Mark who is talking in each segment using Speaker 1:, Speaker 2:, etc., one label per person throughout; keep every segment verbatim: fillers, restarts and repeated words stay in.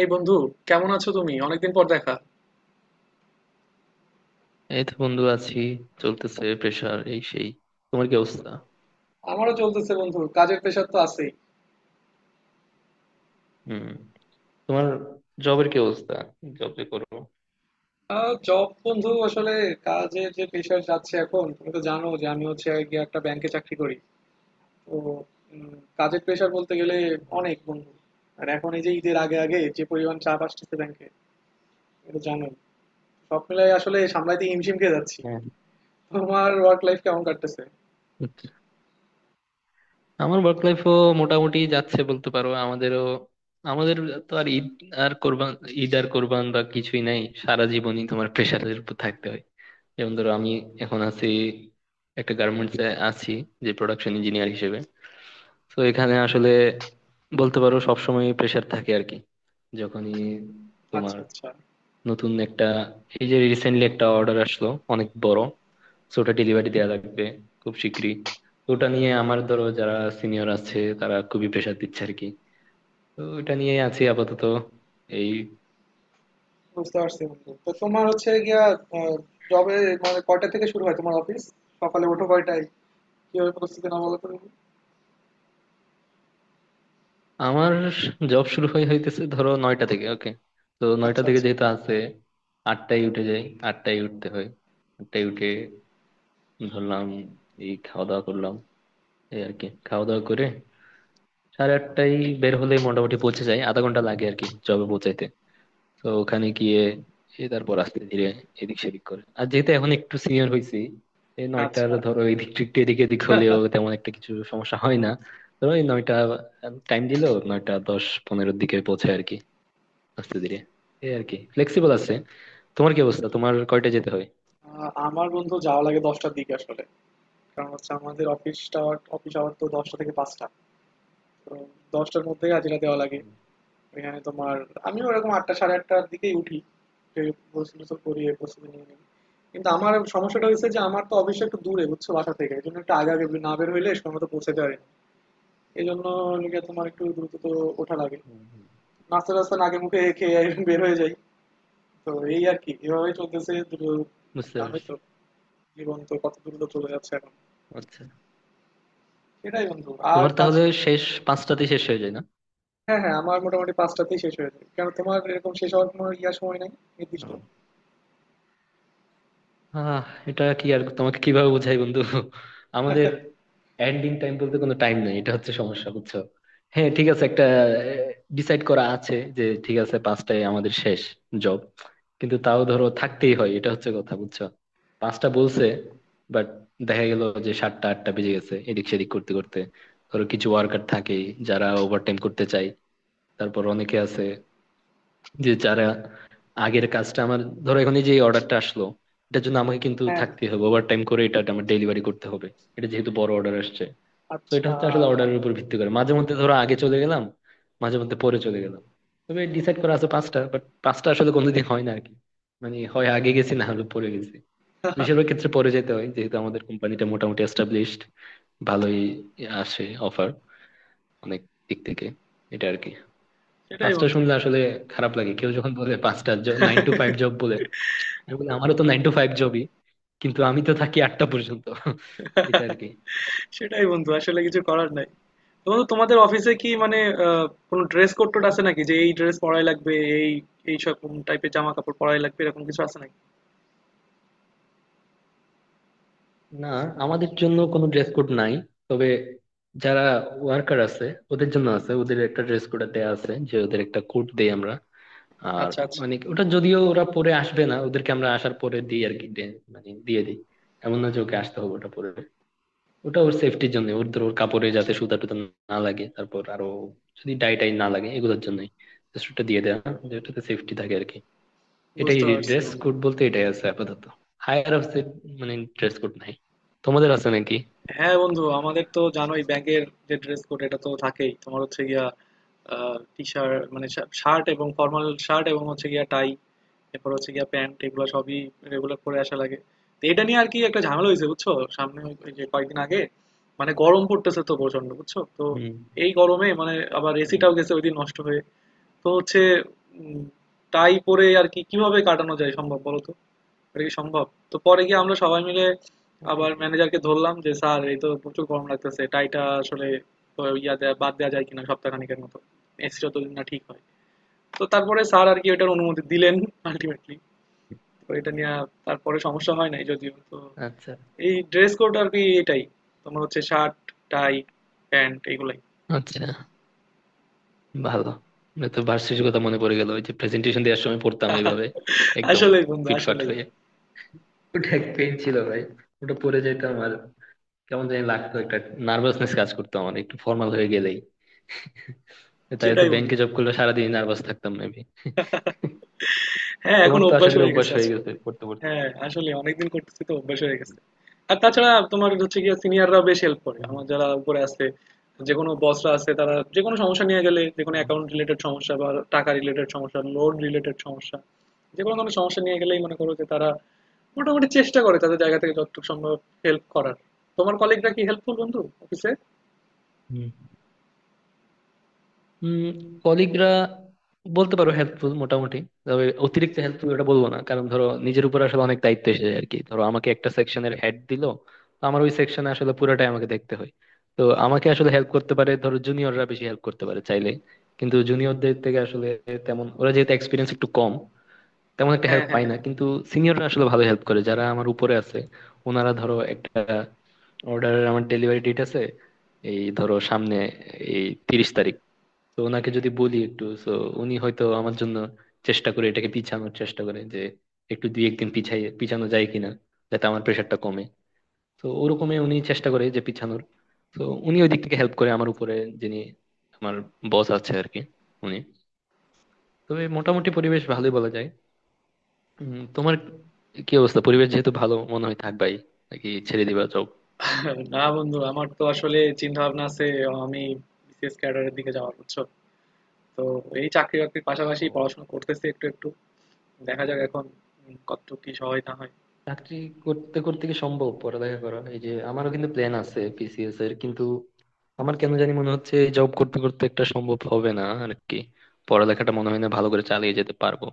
Speaker 1: এই বন্ধু, কেমন আছো তুমি? অনেকদিন পর দেখা।
Speaker 2: এই তো বন্ধু আছি। চলতেছে প্রেশার এই সেই। তোমার কি অবস্থা?
Speaker 1: আমারও চলতেছে বন্ধু, কাজের প্রেশার তো আছেই।
Speaker 2: হুম। তোমার জবের কি অবস্থা? জব যে করো।
Speaker 1: জব বন্ধু আসলে কাজের যে প্রেশার যাচ্ছে এখন, তুমি তো জানো যে আমি হচ্ছে গিয়ে একটা ব্যাংকে চাকরি করি। তো উম, কাজের প্রেশার বলতে গেলে অনেক বন্ধু। আর এখন এই যে ঈদের আগে আগে যে পরিমাণ চাপ আসতেছে ব্যাংকে, এটা তো জানোই। সব মিলাই আসলে সামলাইতে হিমশিম খেয়ে যাচ্ছি।
Speaker 2: হ্যাঁ।
Speaker 1: তোমার ওয়ার্ক লাইফ কেমন কাটতেছে?
Speaker 2: আমার ওয়ার্ক লাইফও মোটামুটি যাচ্ছে বলতে পারো। আমাদেরও আমাদের তো আর ঈদ আর কোরবান, ঈদ আর কোরবান বা কিছুই নাই, সারা জীবনই তোমার প্রেশারের উপর থাকতে হয়। যেমন ধরো, আমি এখন আছি, একটা গার্মেন্টস এ আছি যে প্রোডাকশন ইঞ্জিনিয়ার হিসেবে। তো এখানে আসলে বলতে পারো সবসময় প্রেশার থাকে আর কি। যখনই
Speaker 1: আচ্ছা
Speaker 2: তোমার
Speaker 1: আচ্ছা।
Speaker 2: নতুন একটা, এই যে রিসেন্টলি একটা অর্ডার আসলো, অনেক বড়, তো ওটা ডেলিভারি দেওয়া লাগবে খুব শিগগিরই। তো ওটা নিয়ে আমার, ধরো যারা সিনিয়র আছে তারা খুবই প্রেশার দিচ্ছে আর কি। তো ওটা নিয়ে আছি আপাতত। এই,
Speaker 1: বুঝতে পারছি বন্ধু। তো তোমার হচ্ছে গিয়া জবে, মানে কয়টা থেকে শুরু হয় তোমার অফিস? সকালে ওঠো কয়টায়? কিভাবে পরিস্থিতি না বলো তো দেখি।
Speaker 2: আমার জব শুরু হয়ে হইতেছে ধরো নয়টা থেকে, ওকে। তো নয়টা
Speaker 1: আচ্ছা
Speaker 2: থেকে
Speaker 1: আচ্ছা।
Speaker 2: যেহেতু আছে, আটটায় উঠে যাই। আটটায় উঠতে হয়। আটটায় উঠে ধরলাম, এই খাওয়া দাওয়া করলাম। এই আর কি খাওয়া দাওয়া করে সাড়ে আটটায় বের হলে মোটামুটি পৌঁছে যাই, আধা ঘন্টা লাগে আর কি জবে পৌঁছাইতে। তো ওখানে গিয়ে এ তারপর আস্তে ধীরে এদিক সেদিক করে, আর যেহেতু এখন একটু সিনিয়র হয়েছি, এই নয়টার
Speaker 1: আচ্ছা।
Speaker 2: ধরো এদিক একটু এদিক এদিক হলেও তেমন একটা কিছু সমস্যা হয় না। ধরো এই নয়টা টাইম দিলো, নয়টা দশ পনেরোর দিকে পৌঁছায় আর কি, আস্তে ধীরে। এই আর কি, ফ্লেক্সিবল আছে। তোমার কি অবস্থা? তোমার কয়টা যেতে হয়?
Speaker 1: আহ, আমার বন্ধু যাওয়া লাগে দশটার দিকে আসলে। কারণ হচ্ছে আমাদের অফিসটা, অফিস আওয়ার তো দশটা থেকে পাঁচটা। তো দশটার মধ্যে হাজিরা দেওয়া লাগে।
Speaker 2: হুম,
Speaker 1: এখানে তোমার আমিও ওরকম আটটা সাড়ে আটটার দিকেই উঠি। যে প্রস্তুতি তো করি, এই প্রস্তুতি নিয়ে নিই। কিন্তু আমার সমস্যাটা হয়েছে যে আমার তো অফিস একটু দূরে, বুঝছো, বাসা থেকে। এই জন্য একটু আগে আগে না বের হইলে সময় মতো পৌঁছাতে পারি না। এই জন্য লিগে তোমার একটু দ্রুত তো ওঠা লাগে।
Speaker 2: হুম, হুম।
Speaker 1: নাস্তা টাস্তা আগে মুখে খেয়ে বের হয়ে যাই। তো এই আর কি এভাবে চলতেছে দুটো।
Speaker 2: বুঝতে
Speaker 1: জানোই
Speaker 2: পারছি।
Speaker 1: তো, জীবন তো কত দ্রুত চলে যাচ্ছে এখন।
Speaker 2: আচ্ছা।
Speaker 1: সেটাই বন্ধু আর
Speaker 2: তোমার
Speaker 1: তার,
Speaker 2: তাহলে শেষ পাঁচটাতে শেষ হয়ে যায়।
Speaker 1: হ্যাঁ হ্যাঁ আমার মোটামুটি পাঁচটাতেই শেষ হয়ে যায়, কারণ তোমার এরকম শেষ হওয়ার কোনো ইয়া সময় নাই নির্দিষ্ট।
Speaker 2: না। আহ এটা কি আর তোমাকে কিভাবে বোঝাই বন্ধু, আমাদের এন্ডিং টাইম বলতে কোনো টাইম নেই, এটা হচ্ছে সমস্যা, বুঝছো? হ্যাঁ ঠিক আছে, একটা ডিসাইড করা আছে যে ঠিক আছে পাঁচটায় আমাদের শেষ জব, কিন্তু তাও ধরো থাকতেই হয়, এটা হচ্ছে কথা, বুঝছো? পাঁচটা বলছে বাট দেখা গেল যে সাতটা আটটা বেজে গেছে এদিক সেদিক করতে করতে। ধরো কিছু ওয়ার্কার থাকে যারা ওভারটাইম করতে চায়, তারপর অনেকে আছে যে যারা আগের কাজটা, আমার ধরো এখন এই যে অর্ডারটা আসলো, এটার জন্য আমাকে কিন্তু
Speaker 1: হ্যাঁ হ্যাঁ,
Speaker 2: থাকতে হবে, ওভার টাইম করে এটা আমার ডেলিভারি করতে হবে, এটা যেহেতু বড় অর্ডার আসছে। তো এটা
Speaker 1: আচ্ছা
Speaker 2: হচ্ছে আসলে অর্ডারের উপর ভিত্তি করে মাঝে মধ্যে ধরো আগে চলে গেলাম, মাঝে মধ্যে পরে চলে গেলাম। তবে ডিসাইড করা আছে পাঁচটা, বাট পাঁচটা আসলে কোনোদিন হয় না আর কি। মানে হয় আগে গেছি না হলে পরে গেছি। বেশিরভাগ ক্ষেত্রে পরে যেতে হয়, যেহেতু আমাদের কোম্পানিটা মোটামুটি এস্টাবলিশড, ভালোই আসে অফার অনেক দিক থেকে। এটা আর কি।
Speaker 1: সেটাই
Speaker 2: পাঁচটা
Speaker 1: বন্ধু।
Speaker 2: শুনলে আসলে খারাপ লাগে, কেউ যখন বলে পাঁচটা, নাইন টু ফাইভ জব বলে। আমি বলি, আমারও তো নাইন টু ফাইভ জবই, কিন্তু আমি তো থাকি আটটা পর্যন্ত। এটা আর কি।
Speaker 1: সেটাই বন্ধু, আসলে কিছু করার নাই। তো বন্ধু, তোমাদের অফিসে কি মানে আহ, কোনো ড্রেস কোড টোড আছে নাকি, যে এই ড্রেস পরাই লাগবে, এই এই সব টাইপের জামা কাপড় পরাই লাগবে, এরকম কিছু আছে নাকি?
Speaker 2: না, আমাদের জন্য কোনো ড্রেস কোড নাই। তবে যারা ওয়ার্কার আছে ওদের জন্য আছে, ওদের একটা ড্রেস কোড দেয়া আছে, যে ওদের একটা কোড দেই আমরা। আর
Speaker 1: আচ্ছা আচ্ছা,
Speaker 2: মানে ওটা যদিও ওরা পরে আসবে না, ওদেরকে আমরা আসার পরে দিই আর কি, দে- মানে দিয়ে দিই। এমন না যে ওকে আসতে হবে ওটা পরে, ওটা ওর সেফটির জন্য, ওর ধর ওর কাপড়ে যাতে সুতা টুতা না লাগে, তারপর আরো যদি ডাই টাই না লাগে, এগুলোর জন্যই জাস্ট ওটা দিয়ে দেয়া, যেটাতে সেফটি থাকে আর কি। এটাই।
Speaker 1: বুঝতে পারছি
Speaker 2: ড্রেস
Speaker 1: বন্ধু।
Speaker 2: কোড বলতে এটাই আছে আপাতত। হায়ার অফিসে মানে ড্রেস কোড নাই। তোমাদের আছে নাকি?
Speaker 1: হ্যাঁ বন্ধু, আমাদের তো জানোই ব্যাংকের যে ড্রেস কোড এটা তো থাকেই। তোমার হচ্ছে গিয়া টি শার্ট মানে শার্ট, এবং ফর্মাল শার্ট এবং হচ্ছে গিয়া টাই, এরপর হচ্ছে গিয়ে প্যান্ট, এগুলো সবই রেগুলার পরে আসা লাগে। তো এটা নিয়ে আর কি একটা ঝামেলা হয়েছে বুঝছো। সামনে ওই ওই যে কয়েকদিন আগে, মানে গরম পড়তেছে তো প্রচন্ড বুঝছো তো।
Speaker 2: হুম
Speaker 1: এই গরমে মানে আবার
Speaker 2: হুম।
Speaker 1: এসিটাও গেছে ওইদিন নষ্ট হয়ে। তো হচ্ছে উম, টাই পরে আর কি কিভাবে কাটানো যায় সম্ভব বলো তো? এটা কি সম্ভব? তো পরে গিয়ে আমরা সবাই মিলে
Speaker 2: ওটাই
Speaker 1: আবার
Speaker 2: তো।
Speaker 1: ম্যানেজারকে ধরলাম যে স্যার এই তো প্রচুর গরম লাগতেছে, টাইটা আসলে তো ইয়া দেয়া বাদ দেওয়া যায় কিনা সপ্তাহখানেকের মতো, এসি যতদিন না ঠিক হয়। তো তারপরে স্যার আর কি এটার অনুমতি দিলেন আলটিমেটলি। তো এটা নিয়ে তারপরে সমস্যা হয় নাই যদিও। তো
Speaker 2: আচ্ছা
Speaker 1: এই ড্রেস কোড আর কি এটাই, তোমার হচ্ছে শার্ট, টাই, প্যান্ট, এগুলাই।
Speaker 2: আচ্ছা। ভালো, মানে তো ভার্সিটির কথা মনে পড়ে গেল, ওই যে প্রেজেন্টেশন দেওয়ার সময় পড়তাম এইভাবে একদম
Speaker 1: আসলেই বন্ধু,
Speaker 2: ফিটফাট
Speaker 1: আসলেই।
Speaker 2: হয়ে। ওটা এক পেন ছিল ভাই, ওটা পড়ে যাইতাম আর কেমন জানি লাগতো, একটা নার্ভাসনেস কাজ করতো আমার একটু ফর্মাল হয়ে গেলেই। তাহলে তো
Speaker 1: সেটাই বন্ধু।
Speaker 2: ব্যাংকে জব করলে সারাদিন নার্ভাস থাকতাম মেবি।
Speaker 1: হ্যাঁ এখন
Speaker 2: তোমার তো আশা
Speaker 1: অভ্যাস
Speaker 2: করি
Speaker 1: হয়ে
Speaker 2: অভ্যাস
Speaker 1: গেছে।
Speaker 2: হয়ে
Speaker 1: আচ্ছা,
Speaker 2: গেছে পড়তে পড়তে।
Speaker 1: হ্যাঁ আসলে অনেকদিন করতেছি তো অভ্যাস হয়ে গেছে। আর তাছাড়া তোমার হচ্ছে গিয়ে সিনিয়ররা বেশ হেল্প করে,
Speaker 2: হুম
Speaker 1: আমার যারা উপরে আছে, যে কোনো বসরা আছে, তারা যে কোনো সমস্যা নিয়ে গেলে, যে কোনো
Speaker 2: হুম
Speaker 1: অ্যাকাউন্ট রিলেটেড সমস্যা বা টাকা রিলেটেড সমস্যা, লোন রিলেটেড সমস্যা, যে কোনো ধরনের সমস্যা নিয়ে গেলেই মনে করো যে তারা মোটামুটি চেষ্টা করে তাদের জায়গা থেকে যতটুকু সম্ভব হেল্প করার। তোমার কলিগরা কি হেল্পফুল বন্ধু অফিসে?
Speaker 2: হুম। উম কলিগরা বলতে পারো হেল্পফুল মোটামুটি, তবে অতিরিক্ত হেল্পফুল ওটা বলবো না, কারণ ধরো নিজের উপর আসলে অনেক দায়িত্ব এসে যায় আর কি। ধরো আমাকে একটা সেকশনের হেড দিল, তো আমার ওই সেকশনে আসলে পুরোটাই আমাকে দেখতে হয়। তো আমাকে আসলে হেল্প করতে পারে ধরো জুনিয়ররা, বেশি হেল্প করতে পারে চাইলে, কিন্তু জুনিয়রদের থেকে আসলে তেমন, ওরা যেহেতু এক্সপিরিয়েন্স একটু কম, তেমন একটা
Speaker 1: হ্যাঁ
Speaker 2: হেল্প
Speaker 1: হ্যাঁ
Speaker 2: পায় না।
Speaker 1: হ্যাঁ।
Speaker 2: কিন্তু সিনিয়ররা আসলে ভালো হেল্প করে, যারা আমার উপরে আছে। ওনারা ধরো একটা অর্ডারের আমার ডেলিভারি ডেট আছে, এই ধরো সামনে এই তিরিশ তারিখ, তো ওনাকে যদি বলি একটু, তো উনি হয়তো আমার জন্য চেষ্টা করে, এটাকে পিছানোর চেষ্টা করে যে একটু দুই একদিন পিছাই, পিছানো যায় কিনা, যাতে আমার প্রেশারটা কমে। তো ওরকমই উনি চেষ্টা করে যে পিছানোর। তো উনি ওই দিক থেকে হেল্প করে, আমার উপরে যিনি আমার বস আছে আর কি, উনি। তবে মোটামুটি পরিবেশ ভালোই বলা যায়। উম, তোমার কি অবস্থা? পরিবেশ যেহেতু ভালো মনে হয় থাকবাই, নাকি ছেড়ে দিবা
Speaker 1: না বন্ধু, আমার তো আসলে চিন্তা ভাবনা আছে, আমি বিসিএস ক্যাডারের দিকে যাওয়ার, বুঝছো। তো এই চাকরি বাকরির পাশাপাশি
Speaker 2: জব?
Speaker 1: পড়াশোনা করতেছি একটু একটু। দেখা যাক এখন উম, কতটুকু কি সহায় না হয়।
Speaker 2: চাকরি করতে করতে কি সম্ভব পড়ালেখা করা? এই যে আমারও কিন্তু প্ল্যান আছে পিসিএস এর, কিন্তু আমার কেন জানি মনে হচ্ছে জব করতে করতে একটা সম্ভব হবে না আর কি, পড়ালেখাটা মনে হয় না ভালো করে চালিয়ে যেতে পারবো।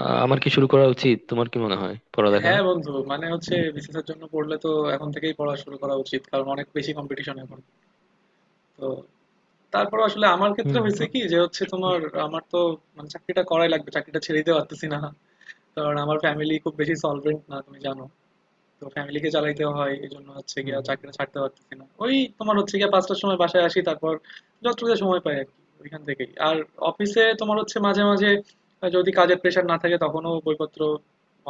Speaker 2: আহ, আমার কি শুরু করা উচিত তোমার কি মনে হয়, পড়ালেখা?
Speaker 1: হ্যাঁ বন্ধু, মানে হচ্ছে বিসিএস এর জন্য পড়লে তো এখন থেকেই পড়া শুরু করা উচিত, কারণ অনেক বেশি কম্পিটিশন এখন। তো তারপর আসলে আমার ক্ষেত্রে
Speaker 2: হুম
Speaker 1: হয়েছে কি,
Speaker 2: ওট-
Speaker 1: যে হচ্ছে তোমার,
Speaker 2: ওট-
Speaker 1: আমার তো মানে চাকরিটা করাই লাগবে, চাকরিটা ছেড়ে দিতে পারতেছি না, কারণ আমার ফ্যামিলি খুব বেশি সলভেন্ট না তুমি জানো। তো ফ্যামিলিকে চালাইতে হয়, এই জন্য হচ্ছে
Speaker 2: হুম
Speaker 1: গিয়া
Speaker 2: হুম।
Speaker 1: চাকরিটা ছাড়তে পারতেছি না ওই। তোমার হচ্ছে গিয়া পাঁচটার সময় বাসায় আসি, তারপর যতটুকু সময় পাই আর কি ওইখান থেকেই। আর অফিসে তোমার হচ্ছে মাঝে মাঝে আহ, যদি কাজের প্রেশার না থাকে তখনও বইপত্র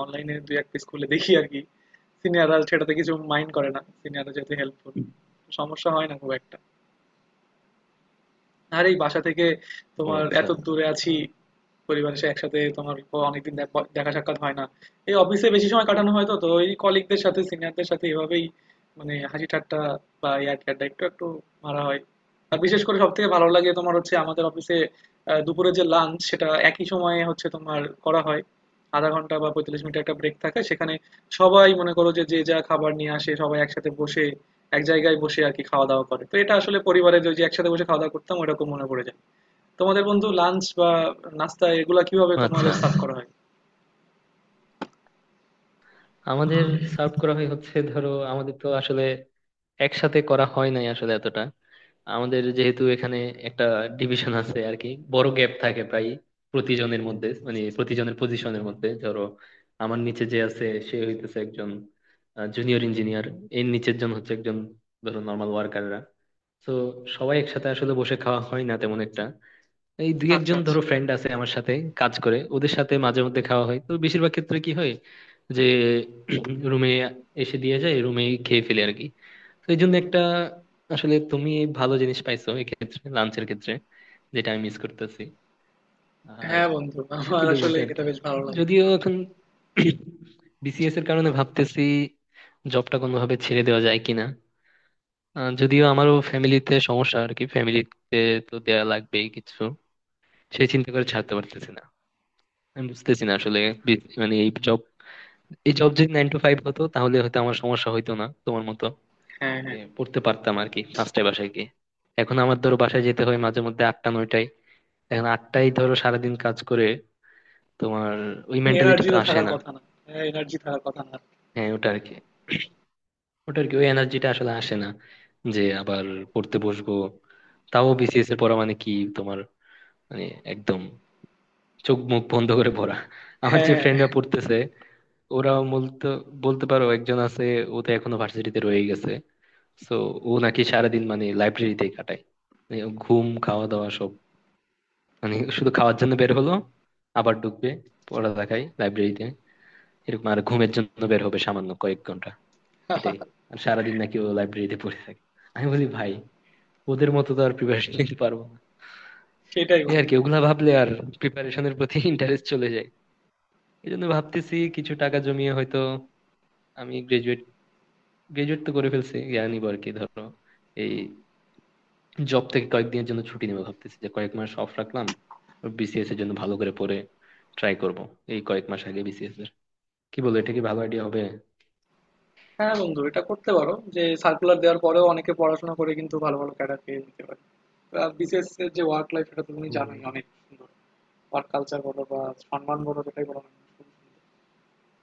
Speaker 1: অনলাইনে দুই এক পিস খুলে দেখি আর কি। সিনিয়ররা সেটাতে কিছু মাইন্ড করে না, সিনিয়ররা যেহেতু হেল্পফুল, সমস্যা হয় না খুব একটা। আর এই বাসা থেকে
Speaker 2: ও
Speaker 1: তোমার
Speaker 2: আচ্ছা,
Speaker 1: এত দূরে আছি,
Speaker 2: তাহলে-
Speaker 1: পরিবার এসে একসাথে তোমার অনেকদিন দেখ- দেখা সাক্ষাৎ হয় না। এই অফিসে বেশি সময় কাটানো হয়, তো তো ওই কলিগদের সাথে সিনিয়রদের সাথে এভাবেই মানে হাসি ঠাট্টা বা ইয়ার ঠাট্টা একটু একটু মারা হয়। আর বিশেষ করে সব থেকে ভালো লাগে তোমার হচ্ছে আমাদের অফিসে আহ, দুপুরে যে লাঞ্চ সেটা একই সময়ে হচ্ছে তোমার করা হয়। আধা ঘন্টা বা পঁয়তাল্লিশ মিনিট একটা ব্রেক থাকে সেখানে, সবাই মনে করো যে যে যা খাবার নিয়ে আসে সবাই একসাথে বসে এক জায়গায় বসে আর কি খাওয়া দাওয়া করে। তো এটা আসলে পরিবারের ওই যে একসাথে বসে খাওয়া দাওয়া করতাম ওরকম মনে পড়ে যায়। তোমাদের বন্ধু লাঞ্চ বা নাস্তা এগুলা কিভাবে
Speaker 2: আচ্ছা।
Speaker 1: তোমাদের সার্ভ করা হয়?
Speaker 2: আমাদের সার্ভ করা হয় হচ্ছে ধরো, আমাদের তো আসলে একসাথে করা হয় নাই আসলে এতটা। আমাদের যেহেতু এখানে একটা ডিভিশন আছে আর কি, বড় গ্যাপ থাকে প্রায় প্রতিজনের মধ্যে, মানে প্রতিজনের পজিশনের মধ্যে। ধরো আমার নিচে যে আছে সে হইতেছে একজন জুনিয়র ইঞ্জিনিয়ার, এর নিচের জন হচ্ছে একজন ধরো নর্মাল ওয়ার্কাররা। তো সবাই একসাথে আসলে বসে খাওয়া হয় না তেমন একটা, এই দুই
Speaker 1: আচ্ছা
Speaker 2: একজন
Speaker 1: আচ্ছা।
Speaker 2: ধরো ফ্রেন্ড আছে আমার সাথে কাজ করে, ওদের সাথে মাঝে মধ্যে খাওয়া হয়। তো বেশিরভাগ ক্ষেত্রে কি হয় যে রুমে এসে দিয়ে যায়, রুমে খেয়ে ফেলে আর কি। তো এই জন্য একটা, আসলে তুমি ভালো জিনিস পাইছো এক্ষেত্রে লাঞ্চের ক্ষেত্রে, যেটা আমি মিস করতেছি। আর
Speaker 1: হ্যাঁ বন্ধু,
Speaker 2: আর
Speaker 1: আমার
Speaker 2: কি বলবো,
Speaker 1: আসলে
Speaker 2: এটা আর
Speaker 1: এটা
Speaker 2: কি।
Speaker 1: বেশ ভালো লাগে।
Speaker 2: যদিও এখন বিসিএস এর কারণে ভাবতেছি জবটা কোনোভাবে ছেড়ে দেওয়া যায় কিনা। আহ, যদিও আমারও ফ্যামিলিতে সমস্যা আর কি, ফ্যামিলিতে তো দেয়া লাগবেই কিছু, সেই চিন্তা করে ছাড়তে পারতেছি না। আমি বুঝতেছি না আসলে, বি- মানে এই জব, এই জব যদি নাইন টু ফাইভ হতো তাহলে হয়তো আমার সমস্যা হইতো না তোমার মতো,
Speaker 1: হ্যাঁ
Speaker 2: যে
Speaker 1: হ্যাঁ,
Speaker 2: পড়তে পারতাম আর কি পাঁচটায় বাসায় গিয়ে। এখন আমার ধরো বাসায় যেতে হয় মাঝে মধ্যে আটটা নয়টায়। এখন আটটায় ধরো সারাদিন কাজ করে তোমার ওই মেন্টালিটি
Speaker 1: এনার্জি
Speaker 2: তো
Speaker 1: তো
Speaker 2: আসে
Speaker 1: থাকার
Speaker 2: না।
Speaker 1: কথা না। হ্যাঁ এনার্জি থাকার কথা না।
Speaker 2: হ্যাঁ ওটা আর কি ওটা আর কি ওই এনার্জিটা আসলে আসে না, যে আবার পড়তে বসবো। তাও বিসিএস এর পড়া মানে কি তোমার, মানে একদম চোখ মুখ বন্ধ করে পড়া। আমার
Speaker 1: হ্যাঁ
Speaker 2: যে ফ্রেন্ডরা
Speaker 1: হ্যাঁ,
Speaker 2: পড়তেছে ওরাও বলতে, বলতে পারো একজন আছে, ও তো এখনো ভার্সিটিতে রয়ে গেছে, তো ও নাকি সারাদিন মানে লাইব্রেরিতেই কাটায়। মানে ও ঘুম খাওয়া দাওয়া সব, মানে শুধু খাওয়ার জন্য বের হলো আবার ঢুকবে পড়ালেখায় লাইব্রেরিতে, এরকম। আর ঘুমের জন্য বের হবে সামান্য কয়েক ঘন্টা, এটাই। আর সারাদিন নাকি ও লাইব্রেরিতে পড়ে থাকে। আমি বলি ভাই, ওদের মতো তো আর প্রিপারেশন নিতে পারবো না।
Speaker 1: সেটাই
Speaker 2: এই আর
Speaker 1: বন্ধু।
Speaker 2: কি, ওগুলা ভাবলে আর প্রিপারেশনের প্রতি ইন্টারেস্ট চলে যায়। এই জন্য ভাবতেছি কিছু টাকা জমিয়ে হয়তো, আমি গ্রাজুয়েট, গ্রাজুয়েট তো করে ফেলছি, ইয়া নিবো আর কি ধরো, এই জব থেকে কয়েকদিনের জন্য ছুটি নেবো ভাবতেছি, যে কয়েক মাস অফ রাখলাম, বিসিএস এর জন্য ভালো করে পড়ে ট্রাই করব এই কয়েক মাস আগে বিসিএস এর। কি বলো, এটা কি ভালো আইডিয়া হবে?
Speaker 1: হ্যাঁ বন্ধু, এটা করতে পারো, যে সার্কুলার দেওয়ার পরেও অনেকে পড়াশোনা করে কিন্তু ভালো ভালো ক্যাডার পেয়ে যেতে পারে। আর বিশেষ যে ওয়ার্ক লাইফ, এটা তো তুমি
Speaker 2: হুম।
Speaker 1: জানোই অনেক সুন্দর। ওয়ার্ক কালচার বলো বা সম্মান বলো, যেটাই বলো না কেন, খুব সুন্দর।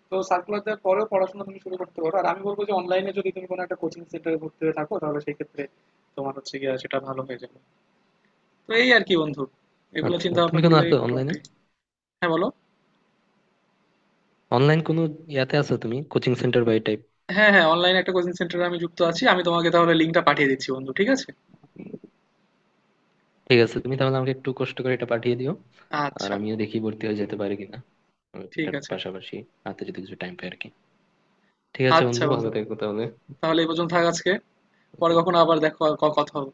Speaker 1: তো সার্কুলারদের পরেও পড়াশোনা তুমি শুরু করতে পারো, আর আমি বলবো যে অনলাইনে যদি তুমি কোনো একটা কোচিং সেন্টারে ভর্তি হয়ে থাকো, তাহলে সেই ক্ষেত্রে তোমার হচ্ছে গিয়ে সেটা ভালো হয়ে যাবে। তো এই আর কি বন্ধু, এগুলো
Speaker 2: আচ্ছা
Speaker 1: চিন্তা ভাবনা
Speaker 2: তুমি কোনো আছো
Speaker 1: করলেই
Speaker 2: অনলাইনে,
Speaker 1: মোটামুটি। হ্যাঁ বলো।
Speaker 2: অনলাইন কোনো ইয়াতে আছো তুমি, কোচিং সেন্টার বা এই টাইপ?
Speaker 1: হ্যাঁ হ্যাঁ, অনলাইনে একটা কোচিং সেন্টারে আমি যুক্ত আছি। আমি তোমাকে তাহলে লিঙ্কটা পাঠিয়ে দিচ্ছি বন্ধু, ঠিক আছে?
Speaker 2: ঠিক আছে তুমি তাহলে আমাকে একটু কষ্ট করে এটা পাঠিয়ে দিও। আর
Speaker 1: আচ্ছা,
Speaker 2: আমিও দেখি ভর্তি হয়ে যেতে পারি কিনা, আর
Speaker 1: ঠিক
Speaker 2: এটার
Speaker 1: আছে।
Speaker 2: পাশাপাশি হাতে যদি কিছু টাইম পাই আর কি। ঠিক আছে
Speaker 1: আচ্ছা
Speaker 2: বন্ধু, ভালো
Speaker 1: বন্ধু,
Speaker 2: থেকো তাহলে।
Speaker 1: তাহলে এই পর্যন্ত থাক আজকে। পরে কখনো আবার দেখো, ক- কথা হবে।